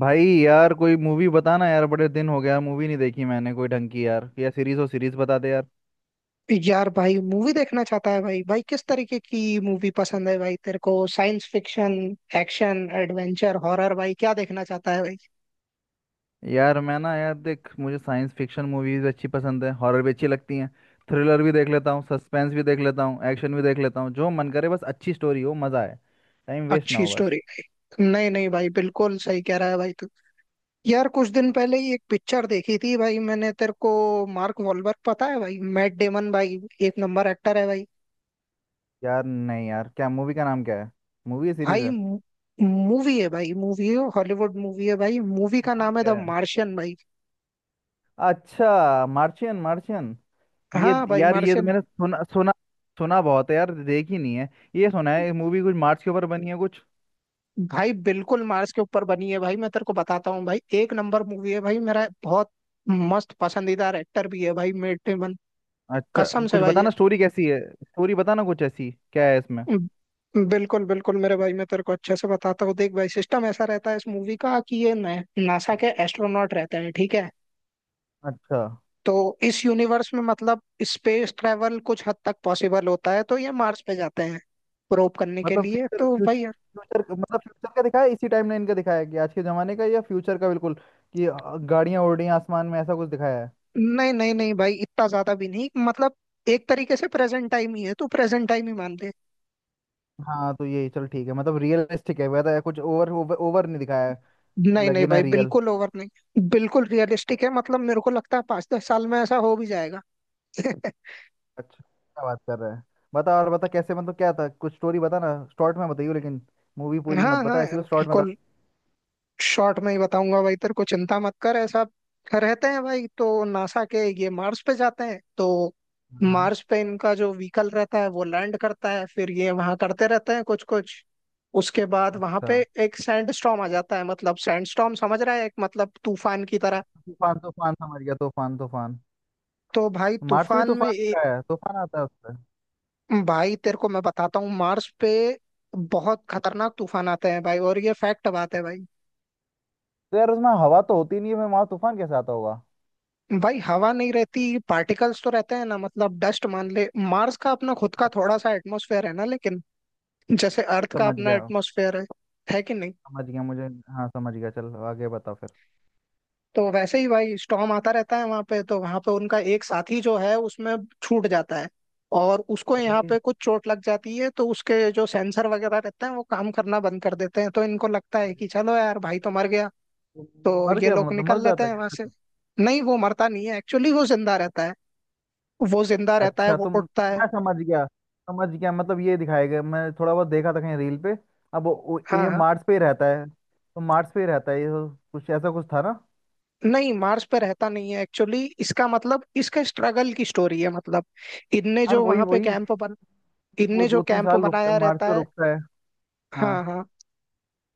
भाई यार कोई मूवी बताना यार। बड़े दिन हो गया मूवी नहीं देखी मैंने, कोई ढंग की यार। या सीरीज हो, सीरीज बता दे यार। यार भाई मूवी देखना चाहता है। भाई भाई किस तरीके की मूवी पसंद है भाई तेरे को? Science fiction, action, adventure, horror, भाई क्या देखना चाहता है भाई? यार मैं ना, यार देख, मुझे साइंस फिक्शन मूवीज अच्छी पसंद है। हॉरर भी अच्छी लगती हैं। थ्रिलर भी देख लेता हूँ, सस्पेंस भी देख लेता हूँ, एक्शन भी देख लेता हूँ। जो मन करे, बस अच्छी स्टोरी हो, मज़ा आए। टाइम वेस्ट ना अच्छी हो बस। स्टोरी। नहीं नहीं भाई, बिल्कुल सही कह रहा है भाई तू। यार कुछ दिन पहले ही एक पिक्चर देखी थी भाई मैंने तेरे को। मार्क वॉलबर्ग पता है भाई, मैट डेमन भाई, एक नंबर एक्टर है भाई। यार नहीं यार, क्या मूवी का नाम क्या है? मूवी या सीरीज भाई है? मूवी है भाई, मूवी है, हॉलीवुड मूवी है भाई, मूवी का नाम नाम है क्या द है? मार्शियन भाई। अच्छा, मार्शियन मार्शियन। ये हाँ भाई, यार ये तो मार्शियन। मैंने सुना सुना। सुना बहुत है यार, देखी नहीं है। ये सुना है मूवी कुछ मार्स के ऊपर बनी है कुछ। भाई बिल्कुल मार्स के ऊपर बनी है भाई, मैं तेरे को बताता हूँ भाई, एक नंबर मूवी है भाई, मेरा बहुत मस्त पसंदीदार एक्टर भी है भाई मेट डेमन। अच्छा, कसम से कुछ भाई है। बताना स्टोरी कैसी है। स्टोरी बताना कुछ, ऐसी क्या है इसमें। बिल्कुल बिल्कुल मेरे भाई, मैं तेरे को अच्छे से बताता हूँ, देख भाई, सिस्टम ऐसा रहता है इस मूवी का कि ये नासा के एस्ट्रोनॉट रहते हैं, ठीक है। अच्छा। तो इस यूनिवर्स में मतलब स्पेस ट्रेवल कुछ हद तक पॉसिबल होता है, तो ये मार्स पे जाते हैं प्रोब करने के मतलब लिए फ्यूचर तो फ्यूचर। भाई। फ्यूचर मतलब फ्यूचर का दिखाया है, इसी टाइमलाइन का दिखाया है कि आज के जमाने का या फ्यूचर का। बिल्कुल कि गाड़ियां उड़ रही हैं आसमान में, ऐसा कुछ दिखाया है? नहीं नहीं नहीं भाई, इतना ज्यादा भी नहीं, मतलब एक तरीके से प्रेजेंट टाइम ही है, तो प्रेजेंट टाइम ही मान ले। हाँ तो यही चल ठीक है। मतलब रियलिस्टिक है, वैसा कुछ ओवर ओवर, ओवर नहीं दिखाया है। नहीं नहीं लगे ना भाई, रियल। बिल्कुल ओवर नहीं, बिल्कुल रियलिस्टिक है, मतलब मेरे को लगता है 5-10 साल में ऐसा हो भी जाएगा। अच्छा, क्या बात कर रहा है। बता और बता कैसे, मतलब क्या था कुछ, स्टोरी बता ना। शॉर्ट में बताइयो लेकिन। मूवी पूरी मत हाँ हाँ बता, ऐसी यार, बस शॉर्ट में बता। बिल्कुल शॉर्ट में ही बताऊंगा भाई तेरे को, चिंता मत कर। ऐसा रहते हैं भाई, तो नासा के ये मार्स पे जाते हैं, तो हाँ। मार्स पे इनका जो व्हीकल रहता है वो लैंड करता है, फिर ये वहां करते रहते हैं कुछ कुछ। उसके बाद वहां अच्छा। पे एक सैंडस्टॉर्म आ जाता है, मतलब सैंडस्टॉर्म समझ रहा है, एक मतलब तूफान की तरह। तूफान तूफान समझ गया, तूफान तूफान। तो भाई मार्स भी तूफान में तूफान का है? तूफान आता है उससे? भाई तेरे को मैं बताता हूँ, मार्स पे बहुत खतरनाक तूफान आते हैं भाई, और ये फैक्ट बात है भाई। तो यार उसमें हवा तो होती नहीं है, मैं वहां तूफान कैसे आता होगा? भाई हवा नहीं रहती, पार्टिकल्स तो रहते हैं ना, मतलब डस्ट मान ले। मार्स का अपना खुद का थोड़ा सा एटमॉस्फेयर है ना, लेकिन जैसे अर्थ का समझ अपना गया। एटमॉस्फेयर है कि नहीं? समझ गया मुझे। हाँ समझ गया, चल आगे बताओ फिर। तो वैसे ही भाई स्टॉर्म आता रहता है वहां पे, तो वहां पे उनका एक साथी जो है उसमें छूट जाता है, और उसको यहाँ अरे। पे कुछ चोट लग जाती है, तो उसके जो सेंसर वगैरह रहते हैं वो काम करना बंद कर देते हैं, तो इनको लगता है कि चलो यार भाई तो मर गया। तुम। तो मर ये गया लोग मतलब, मर निकल लेते जाता हैं है वहां से। क्या? नहीं वो मरता नहीं है, एक्चुअली वो जिंदा रहता है, वो जिंदा रहता है, अच्छा। वो तुम। उठता है। मैं समझ गया। समझ गया मतलब ये दिखाया गया, मैं थोड़ा बहुत देखा था कहीं रील पे। अब हाँ ये हाँ। मार्स पे ही रहता है, तो मार्स पे ही रहता है ये, तो कुछ ऐसा कुछ था ना। नहीं मार्स पे रहता नहीं है एक्चुअली, इसका मतलब इसका स्ट्रगल की स्टोरी है, मतलब इनने यार जो वही वहां पे वही। कैंप बन, वो इनने जो दो तीन कैंप साल रुकता, बनाया मार्स रहता पे है। रुकता है। हाँ। हाँ हाँ।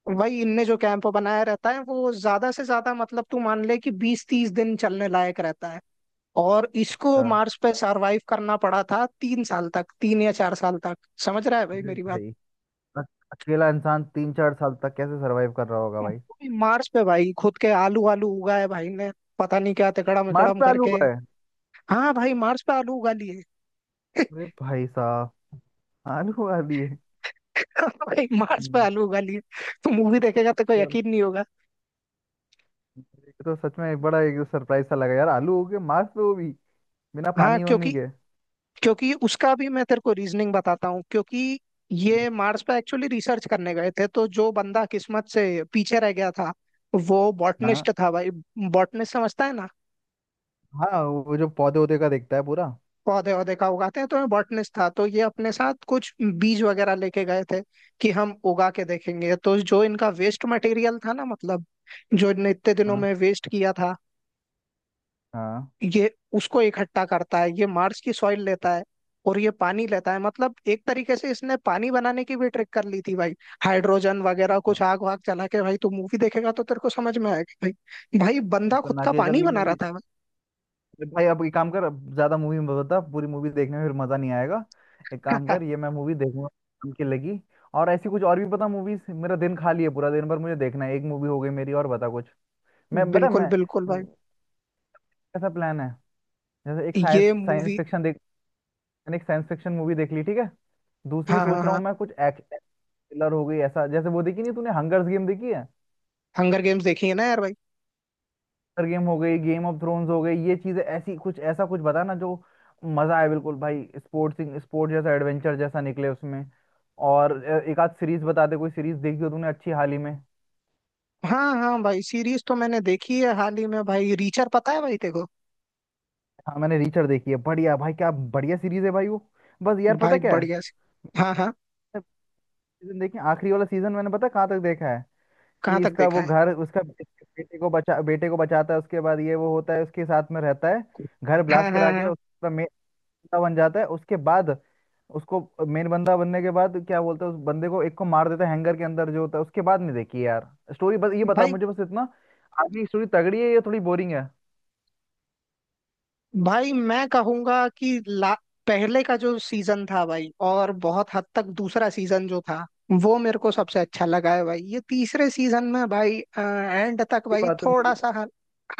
वही इनने जो कैंप बनाया रहता है वो ज्यादा से ज्यादा, मतलब तू मान ले कि 20-30 दिन चलने लायक रहता है, और इसको अच्छा। मार्स पे सरवाइव करना पड़ा था 3 साल तक, 3 या 4 साल तक। समझ रहा है भाई अरे मेरी बात? भाई। अक- अकेला इंसान तीन चार साल तक कैसे सरवाइव कर रहा होगा वो भाई? भी मार्स पे भाई, खुद के आलू आलू उगाए भाई ने, पता नहीं क्या तिकड़म मार्स इकड़म पे आलू करके। हुआ है? हाँ भाई, मार्स पे आलू उगा लिए। अरे भाई साहब। आलू आ दिए। भाई मार्स पे हम्म, आलू उगा लिए। तो मूवी देखेगा तो कोई चल, यकीन नहीं होगा। ये तो सच में एक बड़ा, एक सरप्राइज सा लगा यार। आलू हो गए मार्स पे, वो भी बिना हाँ, पानी क्योंकि होने के। क्योंकि उसका भी मैं तेरे को रीजनिंग बताता हूँ, क्योंकि ये मार्स पे एक्चुअली रिसर्च करने गए थे, तो जो बंदा किस्मत से पीछे रह गया था वो हाँ बॉटनिस्ट था भाई। बॉटनिस्ट समझता है ना, हाँ। वो जो पौधे वौधे का देखता है पूरा। पौधे वौधे का उगाते हैं, तो ये बॉटनिस्ट था, तो ये अपने साथ कुछ बीज वगैरह लेके गए थे कि हम उगा के देखेंगे। तो जो इनका वेस्ट मटेरियल था ना, मतलब जो इनने इतने दिनों हाँ में वेस्ट किया था, हाँ ये उसको इकट्ठा करता है, ये मार्स की सॉइल लेता है और ये पानी लेता है, मतलब एक तरीके से इसने पानी बनाने की भी ट्रिक कर ली थी भाई, हाइड्रोजन वगैरह हाँ, कुछ आग वाग जला के। भाई तू मूवी देखेगा तो तेरे को समझ में आएगा भाई, भाई बंदा खुद का खतरनाक है। पानी चलिए बना रहा मूवी। था भाई अब ये काम कर, अब ज्यादा मूवी में बता, पूरी मूवी देखने में फिर मजा नहीं आएगा। एक काम भाई। कर, ये मैं मूवी देखूंगा। काम की लगी। और ऐसी कुछ और भी पता मूवीज, मेरा दिन खाली है पूरा, दिन भर मुझे देखना है। एक मूवी हो गई मेरी, और बता कुछ। मैं बता बिल्कुल मैं, बिल्कुल भाई कैसा प्लान है। जैसे एक साइंस ये साइंस मूवी। फिक्शन देख। मैंने एक साइंस फिक्शन मूवी देख ली, ठीक है। दूसरी हाँ हाँ सोच रहा हाँ, हूँ मैं कुछ एक्शन थ्रिलर हो गई ऐसा। जैसे, वो देखी नहीं तूने हंगर्स गेम देखी है? हंगर गेम्स देखी है ना यार भाई। Hunger गेम हो गई, गेम ऑफ थ्रोन्स हो गई, ये चीजें ऐसी, कुछ ऐसा कुछ बता ना जो मजा आए। बिल्कुल भाई, स्पोर्ट्स स्पोर्ट जैसा, एडवेंचर जैसा निकले उसमें। और एक आध सीरीज बता दे, कोई सीरीज देखी हो तूने अच्छी हाल ही में। हाँ हाँ भाई, सीरीज तो मैंने देखी है हाल ही में भाई, रीचर पता है भाई तेरे को? हाँ मैंने रीचर देखी है। बढ़िया भाई, क्या बढ़िया सीरीज है भाई वो। बस यार पता भाई क्या है, बढ़िया सी। हाँ हाँ, सीजन देखिए आखिरी वाला सीजन, मैंने पता कहाँ तक देखा है कहाँ कि तक इसका देखा वो है? घर उसका, इसके बेटे को बचा, बेटे को बचाता है, उसके बाद ये वो होता है उसके साथ में रहता है, घर हाँ ब्लास्ट हाँ करा के हाँ उसका बंदा बन जाता है उसके बाद। उसको मेन बंदा बनने के बाद क्या बोलते हैं उस बंदे को, एक को मार देता है हैंगर के अंदर जो होता है, उसके बाद नहीं देखी यार स्टोरी। बस ये बता भाई। मुझे, बस इतना आगे की स्टोरी तगड़ी है या थोड़ी बोरिंग है? भाई मैं कहूंगा कि पहले का जो सीजन था भाई, और बहुत हद तक दूसरा सीजन जो था, वो मेरे को हाँ। सबसे अच्छा लगा है भाई। ये तीसरे सीजन में भाई एंड तक ये भाई बात है थोड़ा मुझे। सा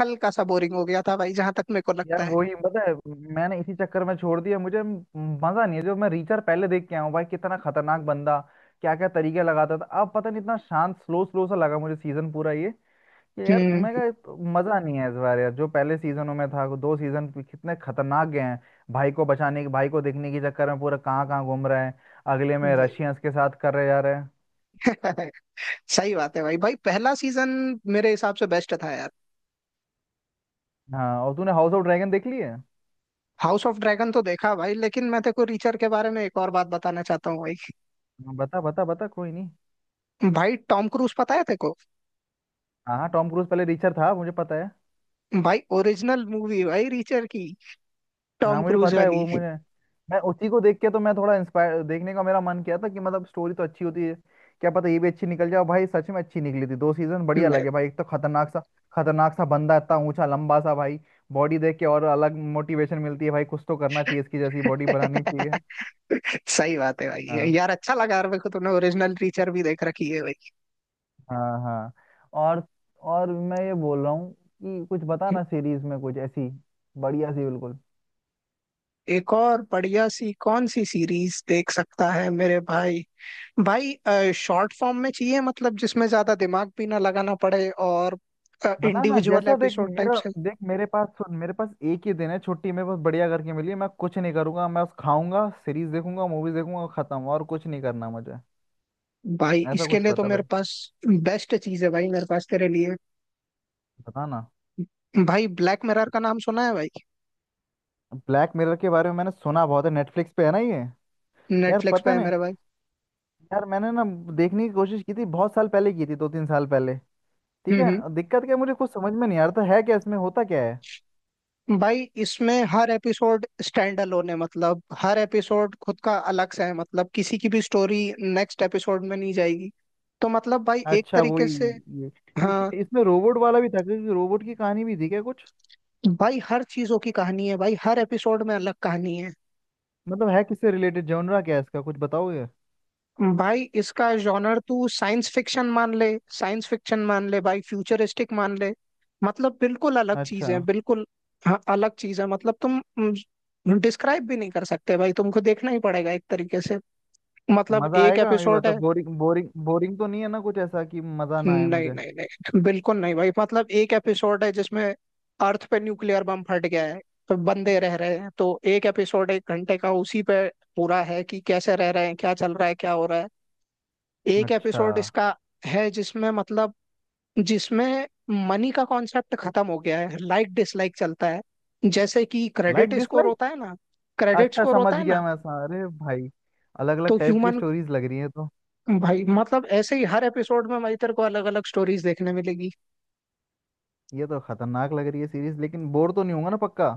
हल्का सा बोरिंग हो गया था भाई, जहां तक मेरे को लगता यार है। वही पता है, मैंने इसी चक्कर में छोड़ दिया। मजा नहीं है। जो मैं रीचर पहले देख के आया हूँ भाई, कितना खतरनाक बंदा, क्या क्या तरीके लगाता था, अब पता नहीं इतना शांत स्लो स्लो सा लगा मुझे सीजन पूरा ये। कि यार हम्म। मैं कहा मजा नहीं है इस बार यार, जो पहले सीजनों में था दो सीजन कितने खतरनाक गए हैं। भाई को बचाने की, भाई को देखने के चक्कर में पूरा कहाँ कहाँ घूम रहे हैं, अगले में भाई रशियंस के साथ कर रहे जा रहे हैं। सही बात है भाई, भाई पहला सीजन मेरे हिसाब से बेस्ट था यार। हाँ, और तूने हाउस ऑफ ड्रैगन देख ली है? हाउस ऑफ ड्रैगन तो देखा भाई, लेकिन मैं तेको रीचर के बारे में एक और बात बताना चाहता हूँ भाई। हाँ, बता बता बता, कोई नहीं। भाई टॉम क्रूज पता है तेको? हाँ हाँ, टॉम क्रूज पहले रिचर था मुझे पता है। भाई ओरिजिनल मूवी भाई रीचर की, हाँ टॉम मुझे क्रूज पता है वाली। वो। मुझे मैं उसी को देख के तो मैं थोड़ा इंस्पायर, देखने का मेरा मन किया था कि मतलब स्टोरी तो अच्छी होती है, क्या पता ये भी अच्छी निकल जाए। और भाई सच में अच्छी निकली थी, दो सीजन बढ़िया लगे भाई। एक तो खतरनाक सा, खतरनाक सा बंदा, इतना ऊंचा लंबा सा भाई। बॉडी देख के और अलग मोटिवेशन मिलती है भाई, कुछ तो करना चाहिए इसकी जैसी बॉडी बनानी चाहिए। सही बात है भाई, हाँ यार अच्छा लगा यार मेरे को तुमने ओरिजिनल टीचर भी देख रखी है भाई। हाँ हाँ। और और मैं ये बोल रहा हूँ कि कुछ बता ना सीरीज में कुछ ऐसी बढ़िया सी बिल्कुल। एक और बढ़िया सी कौन सी सीरीज देख सकता है मेरे भाई? भाई शॉर्ट फॉर्म में चाहिए, मतलब जिसमें ज्यादा दिमाग भी ना लगाना पड़े, और बता ना, इंडिविजुअल जैसा देख एपिसोड टाइप मेरा, से। देख मेरे पास, सुन मेरे पास एक ही दिन है छुट्टी, मेरे पास बढ़िया करके मिली है। मैं कुछ नहीं करूंगा, मैं बस खाऊंगा, सीरीज देखूंगा, मूवीज देखूंगा, खत्म। और कुछ नहीं करना मुझे। भाई ऐसा इसके कुछ लिए तो पता मेरे फिर, पास बेस्ट चीज है भाई, मेरे पास तेरे लिए। बता ना। भाई ब्लैक मिरर का नाम सुना है भाई? ब्लैक मिरर के बारे में मैंने सुना बहुत है, नेटफ्लिक्स पे है ना ये? यार नेटफ्लिक्स पे पता है नहीं, मेरे भाई। यार मैंने ना देखने की कोशिश की थी बहुत साल पहले की थी, दो तीन साल पहले। ठीक है हम्म हम्म। दिक्कत क्या है, मुझे कुछ समझ में नहीं आ रहा था है क्या इसमें, होता क्या है? भाई इसमें हर एपिसोड स्टैंड अलोन है, मतलब हर एपिसोड खुद का अलग सा है, मतलब किसी की भी स्टोरी नेक्स्ट एपिसोड में नहीं जाएगी, तो मतलब भाई एक अच्छा तरीके वही से। ये, हाँ। इसमें इसमें रोबोट वाला भी था क्योंकि, रोबोट की कहानी भी थी क्या कुछ? भाई हर चीजों की कहानी है भाई, हर एपिसोड में अलग कहानी है। मतलब है किससे रिलेटेड, जॉनरा क्या है इसका कुछ बताओगे? भाई इसका जॉनर तू साइंस फिक्शन मान ले, साइंस फिक्शन मान ले भाई, फ्यूचरिस्टिक मान ले, मतलब बिल्कुल अलग चीज अच्छा। है बिल्कुल। हाँ अलग चीज है, मतलब तुम डिस्क्राइब भी नहीं कर सकते भाई, तुमको देखना ही पड़ेगा एक तरीके से। मतलब मजा एक आएगा ये एपिसोड बता, है। बोरिंग बोरिंग बोरिंग तो नहीं है ना कुछ ऐसा कि मजा ना आए नहीं मुझे? नहीं नहीं, बिल्कुल नहीं भाई, मतलब एक एपिसोड है जिसमें अर्थ पे न्यूक्लियर बम फट गया है, तो बंदे रह रहे हैं, तो एक एपिसोड एक घंटे का उसी पे पूरा है कि कैसे रह रहे हैं, क्या चल रहा है, क्या हो रहा है। एक अच्छा। एपिसोड इसका है जिसमें मतलब, जिसमें मनी का कॉन्सेप्ट खत्म हो गया है, लाइक डिसलाइक चलता है, जैसे कि लाइक क्रेडिट स्कोर डिसलाइक? होता है ना, क्रेडिट अच्छा स्कोर समझ होता है ना। गया मैं, अरे भाई अलग तो अलग टाइप की ह्यूमन, स्टोरीज लग रही है तो। भाई मतलब ऐसे ही हर एपिसोड में भाई तेरे को अलग अलग स्टोरीज देखने मिलेगी। ये तो खतरनाक लग रही है सीरीज, लेकिन बोर तो नहीं होगा ना पक्का?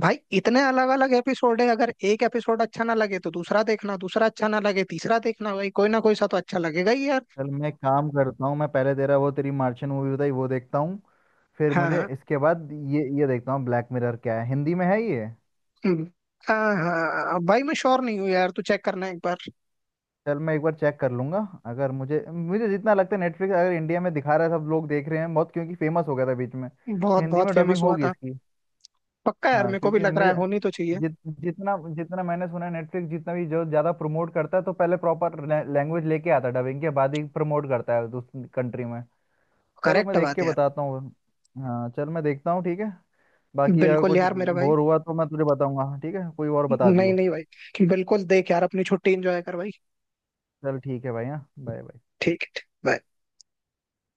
भाई इतने अलग अलग एपिसोड है, अगर एक एपिसोड अच्छा ना लगे तो दूसरा देखना, दूसरा अच्छा ना लगे तीसरा देखना, भाई कोई ना कोई सा तो अच्छा लगेगा ही यार। चल मैं काम करता हूँ, मैं पहले तेरा वो तेरी मार्शियन मूवी बताई वो देखता हूँ, फिर हाँ मुझे हाँ। इसके बाद ये देखता हूँ। ब्लैक मिरर क्या है, हिंदी में है ये? हम्म। हाँ हाँ भाई, मैं श्योर नहीं हूँ यार, तू चेक करना एक बार। चल मैं एक बार चेक कर लूंगा। अगर मुझे मुझे जितना लगता है नेटफ्लिक्स अगर इंडिया में दिखा रहा है, सब लोग देख रहे हैं बहुत क्योंकि फेमस हो गया था बीच में, तो बहुत हिंदी बहुत में डबिंग फेमस हुआ होगी था। इसकी। पक्का यार, हाँ मेरे को भी क्योंकि लग रहा मुझे, है, होनी तो चाहिए। जित जितना जितना मैंने सुना है नेटफ्लिक्स जितना भी जो ज़्यादा प्रमोट करता है, तो पहले प्रॉपर लैंग्वेज लेके आता है डबिंग के बाद ही, प्रमोट करता है उस कंट्री में। चलो मैं करेक्ट देख बात के है यार। बताता हूँ। हाँ चल मैं देखता हूँ ठीक है। बाकी अगर बिल्कुल कुछ यार मेरा भाई। बोर हुआ तो मैं तुझे बताऊंगा, ठीक है कोई और बता नहीं दियो। नहीं भाई, बिल्कुल देख यार अपनी छुट्टी एंजॉय कर भाई। चल ठीक है भाई, हाँ बाय बाय। ठीक है bye।